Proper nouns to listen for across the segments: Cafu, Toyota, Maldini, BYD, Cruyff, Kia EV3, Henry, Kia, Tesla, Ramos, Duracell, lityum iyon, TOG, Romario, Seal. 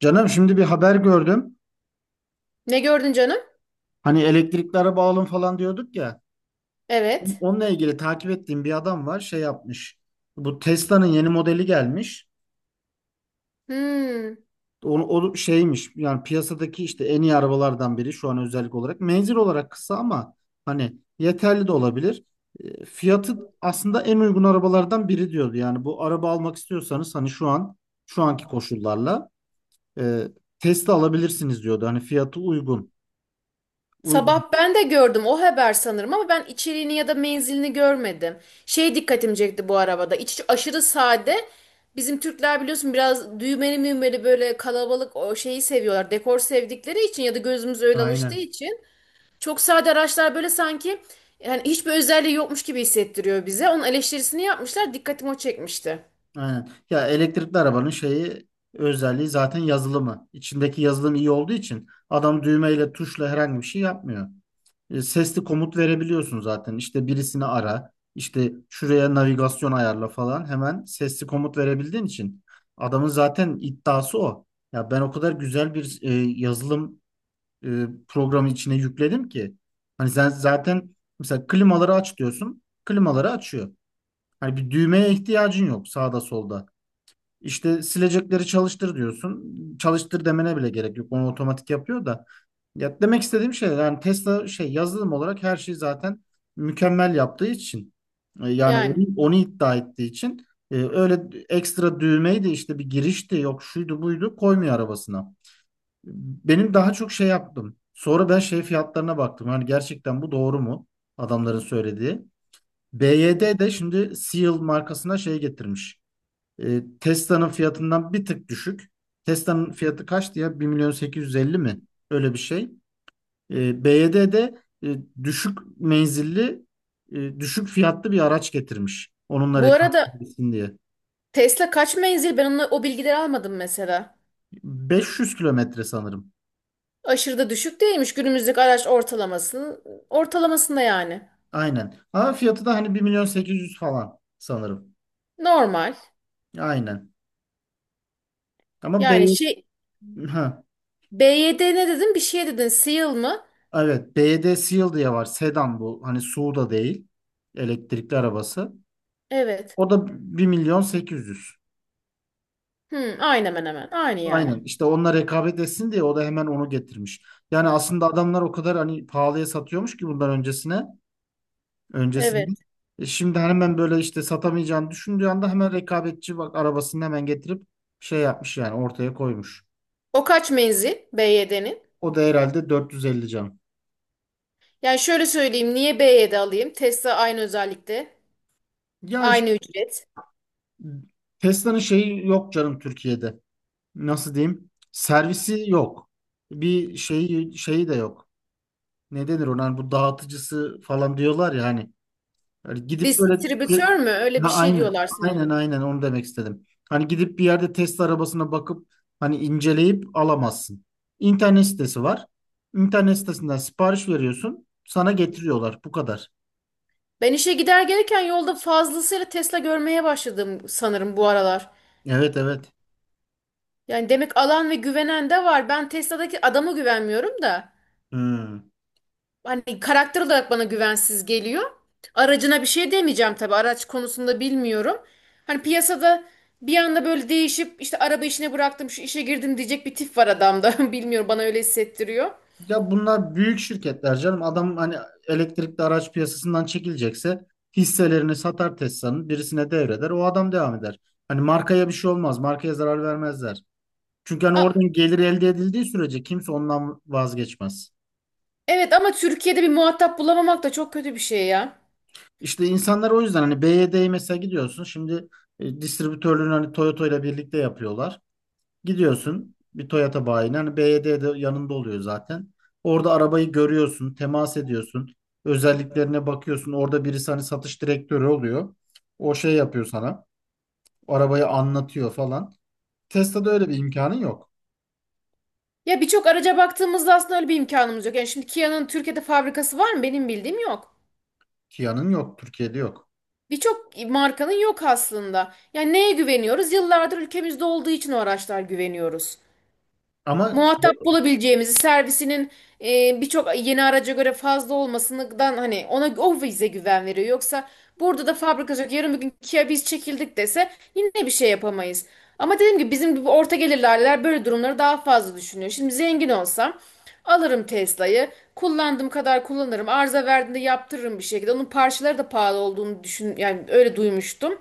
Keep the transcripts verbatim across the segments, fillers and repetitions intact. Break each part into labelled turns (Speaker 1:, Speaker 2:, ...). Speaker 1: Canım şimdi bir haber gördüm.
Speaker 2: Ne gördün canım?
Speaker 1: Hani elektrikli araba alın falan diyorduk ya.
Speaker 2: Evet.
Speaker 1: Onunla ilgili takip ettiğim bir adam var şey yapmış. Bu Tesla'nın yeni modeli gelmiş.
Speaker 2: Hmm.
Speaker 1: Onu, o şeymiş yani piyasadaki işte en iyi arabalardan biri şu an özellik olarak. Menzil olarak kısa ama hani yeterli de olabilir. E, Fiyatı aslında en uygun arabalardan biri diyordu. Yani bu araba almak istiyorsanız hani şu an şu anki koşullarla e, Tesla alabilirsiniz diyordu. Hani fiyatı uygun. Uygun.
Speaker 2: Sabah ben de gördüm o haber sanırım ama ben içeriğini ya da menzilini görmedim. Şey dikkatimi çekti bu arabada. İç aşırı sade. Bizim Türkler biliyorsun biraz düğmeli müğmeli böyle kalabalık o şeyi seviyorlar. Dekor sevdikleri için ya da gözümüz öyle alıştığı
Speaker 1: Aynen.
Speaker 2: için. Çok sade araçlar böyle sanki yani hiçbir özelliği yokmuş gibi hissettiriyor bize. Onun eleştirisini yapmışlar. Dikkatimi o çekmişti.
Speaker 1: Aynen. Ya elektrikli arabanın şeyi özelliği zaten yazılımı. İçindeki yazılım iyi olduğu için adam düğmeyle tuşla herhangi bir şey yapmıyor. E, sesli komut verebiliyorsun zaten. İşte birisini ara, işte şuraya navigasyon ayarla falan hemen sesli komut verebildiğin için adamın zaten iddiası o. Ya ben o kadar güzel bir e, yazılım e, programı içine yükledim ki hani sen zaten mesela klimaları aç diyorsun, klimaları açıyor. Hani bir düğmeye ihtiyacın yok sağda solda. İşte silecekleri çalıştır diyorsun. Çalıştır demene bile gerek yok. Onu otomatik yapıyor da. Ya demek istediğim şey yani Tesla şey yazılım olarak her şeyi zaten mükemmel yaptığı için e, yani onu,
Speaker 2: Yani.
Speaker 1: onu iddia ettiği için e, öyle ekstra düğmeyi de işte bir girişti yok şuydu buydu koymuyor arabasına. Benim daha çok şey yaptım. Sonra ben şey fiyatlarına baktım. Hani gerçekten bu doğru mu? Adamların söylediği. B Y D de şimdi Seal markasına şey getirmiş. E, Tesla'nın fiyatından bir tık düşük. Tesla'nın fiyatı kaçtı ya? Bir milyon sekiz yüz elli mi? Öyle bir şey. E, B Y D de e, düşük menzilli, e, düşük fiyatlı bir araç getirmiş. Onunla
Speaker 2: Bu arada
Speaker 1: rekabetleşsin diye.
Speaker 2: Tesla kaç menzil? Ben onunla, o bilgileri almadım mesela.
Speaker 1: Beş yüz kilometre sanırım.
Speaker 2: Aşırı da düşük değilmiş günümüzdeki araç ortalamasının ortalamasında yani.
Speaker 1: Aynen. Ama fiyatı da hani bir milyon sekiz yüz falan sanırım.
Speaker 2: Normal.
Speaker 1: Aynen. Ama
Speaker 2: Yani
Speaker 1: B
Speaker 2: şey
Speaker 1: ha,
Speaker 2: B Y D ne dedin? Bir şey dedin. Seal mı?
Speaker 1: evet, B Y D Seal diye var. Sedan bu. Hani S U V da değil. Elektrikli arabası.
Speaker 2: Evet.
Speaker 1: O da bir milyon sekiz yüz.
Speaker 2: Hmm, aynı hemen hemen. Aynı
Speaker 1: Aynen
Speaker 2: yani.
Speaker 1: işte onunla rekabet etsin diye o da hemen onu getirmiş. Yani aslında adamlar o kadar hani pahalıya satıyormuş ki bundan öncesine öncesinde.
Speaker 2: Evet.
Speaker 1: E şimdi hemen böyle işte satamayacağını düşündüğü anda hemen rekabetçi bak arabasını hemen getirip şey yapmış yani ortaya koymuş.
Speaker 2: O kaç menzil B Y D'nin?
Speaker 1: O da herhalde dört yüz elli can.
Speaker 2: Yani şöyle söyleyeyim. Niye B Y D alayım? Tesla aynı özellikte.
Speaker 1: Ya işte
Speaker 2: Aynı ücret.
Speaker 1: Tesla'nın şeyi yok canım Türkiye'de. Nasıl diyeyim? Servisi yok. Bir şeyi şeyi de yok. Ne denir ona? Hani bu dağıtıcısı falan diyorlar ya hani. Yani gidip böyle te-
Speaker 2: Distribütör mü? Öyle bir
Speaker 1: Ha,
Speaker 2: şey
Speaker 1: aynen,
Speaker 2: diyorlar
Speaker 1: aynen,
Speaker 2: sanırım.
Speaker 1: aynen onu demek istedim. Hani gidip bir yerde test arabasına bakıp hani inceleyip alamazsın. İnternet sitesi var. İnternet sitesinden sipariş veriyorsun. Sana getiriyorlar. Bu kadar.
Speaker 2: Ben işe gider gelirken yolda fazlasıyla Tesla görmeye başladım sanırım bu aralar.
Speaker 1: Evet, evet.
Speaker 2: Yani demek alan ve güvenen de var. Ben Tesla'daki adama güvenmiyorum da.
Speaker 1: Hmm.
Speaker 2: Hani karakter olarak bana güvensiz geliyor. Aracına bir şey demeyeceğim tabii. Araç konusunda bilmiyorum. Hani piyasada bir anda böyle değişip işte araba işine bıraktım, şu işe girdim diyecek bir tip var adamda. Bilmiyorum bana öyle hissettiriyor.
Speaker 1: Ya bunlar büyük şirketler canım. Adam hani elektrikli araç piyasasından çekilecekse hisselerini satar Tesla'nın birisine devreder. O adam devam eder. Hani markaya bir şey olmaz. Markaya zarar vermezler. Çünkü hani
Speaker 2: A-
Speaker 1: oradan gelir elde edildiği sürece kimse ondan vazgeçmez.
Speaker 2: evet ama Türkiye'de bir muhatap bulamamak da çok kötü bir şey ya.
Speaker 1: İşte insanlar o yüzden hani B Y D'ye mesela gidiyorsun. Şimdi e, distribütörlüğünü hani Toyota ile birlikte yapıyorlar. Gidiyorsun bir Toyota bayine hani B Y D de yanında oluyor zaten. Orada arabayı görüyorsun, temas ediyorsun. Özelliklerine bakıyorsun. Orada birisi hani satış direktörü oluyor. O şey yapıyor sana. Arabayı anlatıyor falan. Tesla'da öyle bir imkanın yok.
Speaker 2: Ya birçok araca baktığımızda aslında öyle bir imkanımız yok. Yani şimdi Kia'nın Türkiye'de fabrikası var mı? Benim bildiğim yok.
Speaker 1: Kia'nın yok. Türkiye'de yok.
Speaker 2: Birçok markanın yok aslında. Yani neye güveniyoruz? Yıllardır ülkemizde olduğu için o araçlar güveniyoruz.
Speaker 1: Ama,
Speaker 2: Muhatap bulabileceğimizi, servisinin e, birçok yeni araca göre fazla olmasından hani ona o bize güven veriyor. Yoksa burada da fabrika olacak. Yarın bir gün Kia biz çekildik dese yine bir şey yapamayız. Ama dediğim gibi bizim gibi orta gelirliler böyle durumları daha fazla düşünüyor. Şimdi zengin olsam alırım Tesla'yı. Kullandığım kadar kullanırım. Arıza verdiğinde yaptırırım bir şekilde. Onun parçaları da pahalı olduğunu düşün yani öyle duymuştum.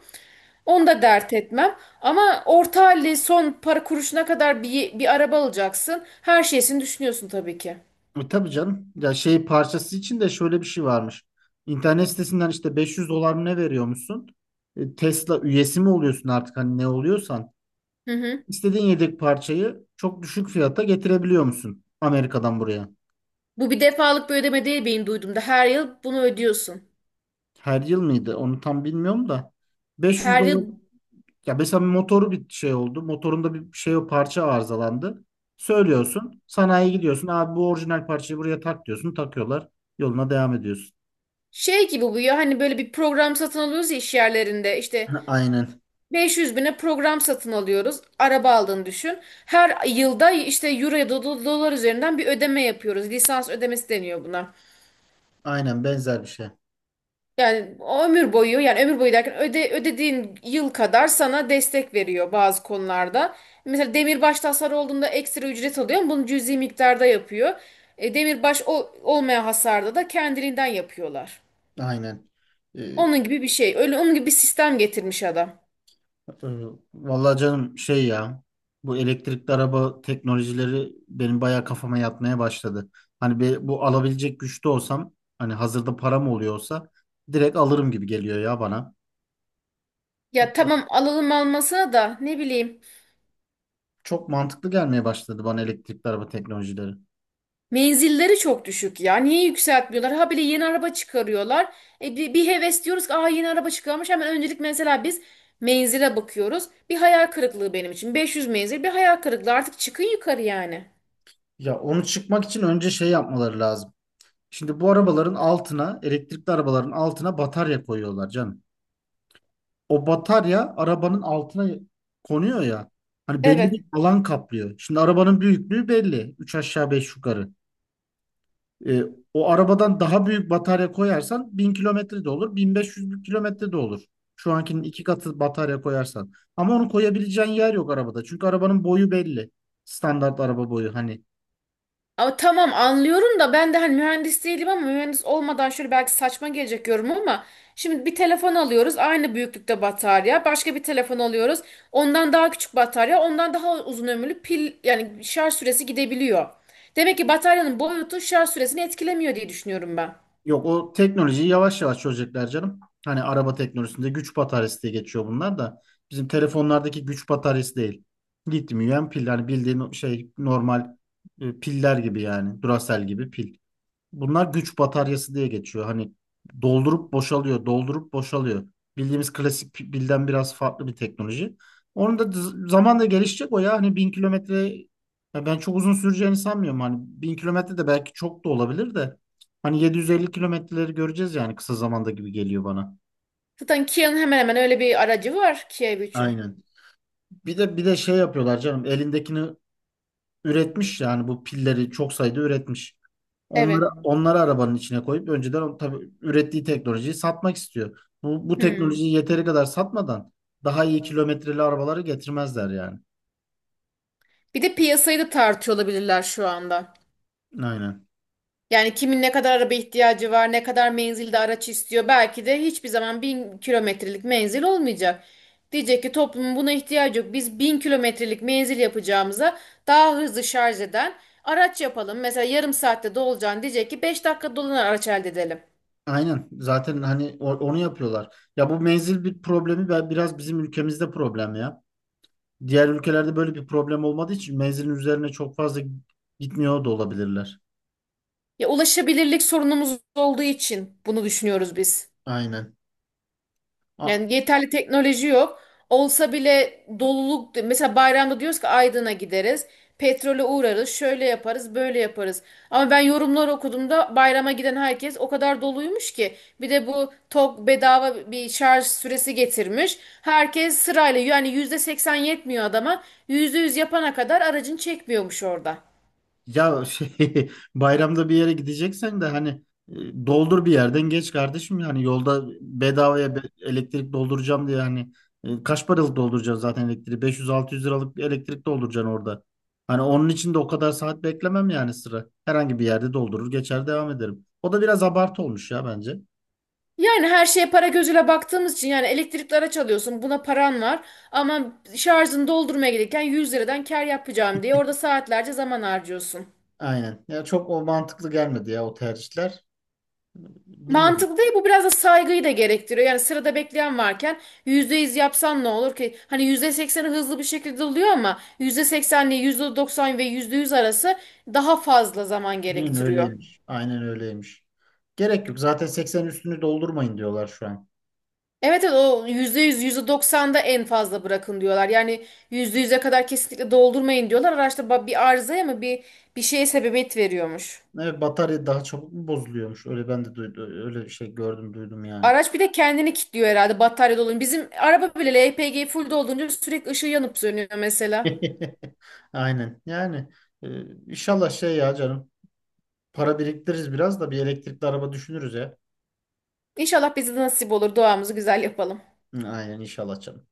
Speaker 2: Onu da dert etmem. Ama orta halli son para kuruşuna kadar bir, bir araba alacaksın. Her şeysini düşünüyorsun tabii ki.
Speaker 1: E, tabii canım. Ya şey parçası için de şöyle bir şey varmış. İnternet sitesinden işte beş yüz dolar mı ne veriyormuşsun? E, Tesla üyesi mi oluyorsun artık hani ne oluyorsan?
Speaker 2: Hı hı.
Speaker 1: İstediğin yedek parçayı çok düşük fiyata getirebiliyor musun Amerika'dan buraya?
Speaker 2: Bu bir defalık bir ödeme değil benim duyduğumda. Her yıl bunu ödüyorsun.
Speaker 1: Her yıl mıydı? Onu tam bilmiyorum da. beş yüz
Speaker 2: Her
Speaker 1: dolar.
Speaker 2: yıl
Speaker 1: Ya mesela bir motoru bir şey oldu. Motorunda bir şey o parça arızalandı. Söylüyorsun. Sanayiye gidiyorsun. Abi bu orijinal parçayı buraya tak diyorsun. Takıyorlar. Yoluna devam ediyorsun.
Speaker 2: şey gibi bu ya hani böyle bir program satın alıyoruz ya iş yerlerinde. İşte
Speaker 1: Ha, aynen.
Speaker 2: beş yüz bine program satın alıyoruz. Araba aldığını düşün. Her yılda işte euro ya da do- dolar üzerinden bir ödeme yapıyoruz. Lisans ödemesi deniyor buna.
Speaker 1: Aynen benzer bir şey.
Speaker 2: Yani o ömür boyu yani ömür boyu derken öde, ödediğin yıl kadar sana destek veriyor bazı konularda. Mesela demirbaş hasarı olduğunda ekstra ücret alıyor ama bunu cüzi miktarda yapıyor. E, demirbaş ol- olmayan hasarda da kendiliğinden yapıyorlar.
Speaker 1: Aynen. Ee,
Speaker 2: Onun gibi bir şey. Öyle onun gibi bir sistem getirmiş adam.
Speaker 1: e, Vallahi canım şey ya bu elektrikli araba teknolojileri benim bayağı kafama yatmaya başladı. Hani be- bu alabilecek güçte olsam hani hazırda param oluyorsa direkt alırım gibi geliyor ya bana.
Speaker 2: Ya tamam alalım almasına da ne bileyim.
Speaker 1: Çok mantıklı gelmeye başladı bana elektrikli araba teknolojileri.
Speaker 2: Menzilleri çok düşük ya. Niye yükseltmiyorlar? Ha bile yeni araba çıkarıyorlar. E, bir, bir heves diyoruz ki Aa, yeni araba çıkarmış. Hemen öncelik mesela biz menzile bakıyoruz. Bir hayal kırıklığı benim için. beş yüz menzil bir hayal kırıklığı. Artık çıkın yukarı yani.
Speaker 1: Ya onu çıkmak için önce şey yapmaları lazım. Şimdi bu arabaların altına elektrikli arabaların altına batarya koyuyorlar canım. O batarya arabanın altına konuyor ya. Hani belli
Speaker 2: Evet.
Speaker 1: bir alan kaplıyor. Şimdi arabanın büyüklüğü belli. Üç aşağı beş yukarı. E, O arabadan daha büyük batarya koyarsan bin kilometre de olur. bin beş yüz kilometre de olur. Şu ankinin iki katı batarya koyarsan. Ama onu koyabileceğin yer yok arabada. Çünkü arabanın boyu belli. Standart araba boyu. Hani.
Speaker 2: Ama tamam anlıyorum da ben de hani mühendis değilim ama mühendis olmadan şöyle belki saçma gelecek yorum ama şimdi bir telefon alıyoruz aynı büyüklükte batarya başka bir telefon alıyoruz ondan daha küçük batarya ondan daha uzun ömürlü pil yani şarj süresi gidebiliyor. Demek ki bataryanın boyutu şarj süresini etkilemiyor diye düşünüyorum ben.
Speaker 1: Yok, o teknolojiyi yavaş yavaş çözecekler canım. Hani araba teknolojisinde güç bataryası diye geçiyor bunlar da. Bizim telefonlardaki güç bataryası değil. Lityum iyon pil. Hani bildiğin şey normal e, piller gibi yani. Duracell gibi pil. Bunlar güç bataryası diye geçiyor. Hani doldurup boşalıyor, doldurup boşalıyor. Bildiğimiz klasik pilden biraz farklı bir teknoloji. Onun da z- zamanla gelişecek o ya. Hani bin kilometre ya ben çok uzun süreceğini sanmıyorum. Hani bin kilometre de belki çok da olabilir de. Hani yedi yüz elli kilometreleri göreceğiz yani kısa zamanda gibi geliyor bana.
Speaker 2: Zaten Kia'nın hemen hemen öyle bir aracı var Kia E V üçün.
Speaker 1: Aynen. Bir de bir de şey yapıyorlar canım. Elindekini üretmiş yani bu pilleri çok sayıda üretmiş.
Speaker 2: Evet.
Speaker 1: Onları, onları arabanın içine koyup önceden o- tabii ürettiği teknolojiyi satmak istiyor. Bu, bu
Speaker 2: Hmm.
Speaker 1: teknolojiyi yeteri kadar satmadan daha iyi kilometreli arabaları getirmezler yani.
Speaker 2: Bir de piyasayı da tartıyor olabilirler şu anda.
Speaker 1: Aynen.
Speaker 2: Yani kimin ne kadar araba ihtiyacı var, ne kadar menzilde araç istiyor. Belki de hiçbir zaman bin kilometrelik menzil olmayacak. Diyecek ki toplumun buna ihtiyacı yok. Biz bin kilometrelik menzil yapacağımıza daha hızlı şarj eden araç yapalım. Mesela yarım saatte dolacağını diyecek ki beş dakika dolanan araç elde edelim.
Speaker 1: Aynen. Zaten hani o- onu yapıyorlar. Ya bu menzil bir problemi ve biraz bizim ülkemizde problem ya. Diğer ülkelerde böyle bir problem olmadığı için menzilin üzerine çok fazla gitmiyor da olabilirler.
Speaker 2: Ya ulaşabilirlik sorunumuz olduğu için bunu düşünüyoruz biz.
Speaker 1: Aynen. A-
Speaker 2: Yani yeterli teknoloji yok. Olsa bile doluluk mesela bayramda diyoruz ki Aydın'a gideriz. Petrole uğrarız, şöyle yaparız, böyle yaparız. Ama ben yorumlar okuduğumda bayrama giden herkes o kadar doluymuş ki. Bir de bu TOG bedava bir şarj süresi getirmiş. Herkes sırayla yani yüzde seksen yetmiyor adama. Yüzde yüz yapana kadar aracın çekmiyormuş orada.
Speaker 1: Ya şey, bayramda bir yere gideceksen de hani e, doldur bir yerden geç kardeşim yani yolda bedavaya be- elektrik dolduracağım diye hani e, kaç paralık dolduracaksın zaten elektriği beş yüz altı yüz liralık bir elektrik dolduracaksın orada. Hani onun için de o kadar saat beklemem yani sıra. Herhangi bir yerde doldurur geçer devam ederim. O da biraz abartı olmuş ya bence.
Speaker 2: Yani her şeye para gözüyle baktığımız için yani elektrikli araç alıyorsun buna paran var ama şarjını doldurmaya gelirken yüz liradan kar yapacağım diye orada saatlerce zaman harcıyorsun.
Speaker 1: Aynen. Ya çok o mantıklı gelmedi ya o tercihler. Bilmiyorum.
Speaker 2: Mantıklı değil bu biraz da saygıyı da gerektiriyor. Yani sırada bekleyen varken yüzde yüz yapsan ne olur ki? Hani yüzde sekseni hızlı bir şekilde oluyor ama yüzde seksen ile yüzde doksan ve yüzde yüz arası daha fazla zaman
Speaker 1: Aynen
Speaker 2: gerektiriyor.
Speaker 1: öyleymiş. Aynen öyleymiş. Gerek yok. Zaten seksen üstünü doldurmayın diyorlar şu an.
Speaker 2: Evet evet o yüzde yüz, yüzde doksanda en fazla bırakın diyorlar. Yani yüzde yüze kadar kesinlikle doldurmayın diyorlar. Araçta ba- bir arızaya mı bir bir şeye sebebiyet veriyormuş.
Speaker 1: Evet, batarya daha çabuk mu bozuluyormuş? Öyle ben de duydum, öyle bir şey gördüm duydum yani.
Speaker 2: Araç bir de kendini kilitliyor herhalde batarya dolunca. Bizim araba bile L P G full dolunca sürekli ışığı yanıp sönüyor mesela.
Speaker 1: Aynen. Yani e, inşallah şey ya canım. Para biriktiririz biraz da bir elektrikli araba düşünürüz ya.
Speaker 2: İnşallah bize de nasip olur. Duamızı güzel yapalım.
Speaker 1: Hı, aynen inşallah canım.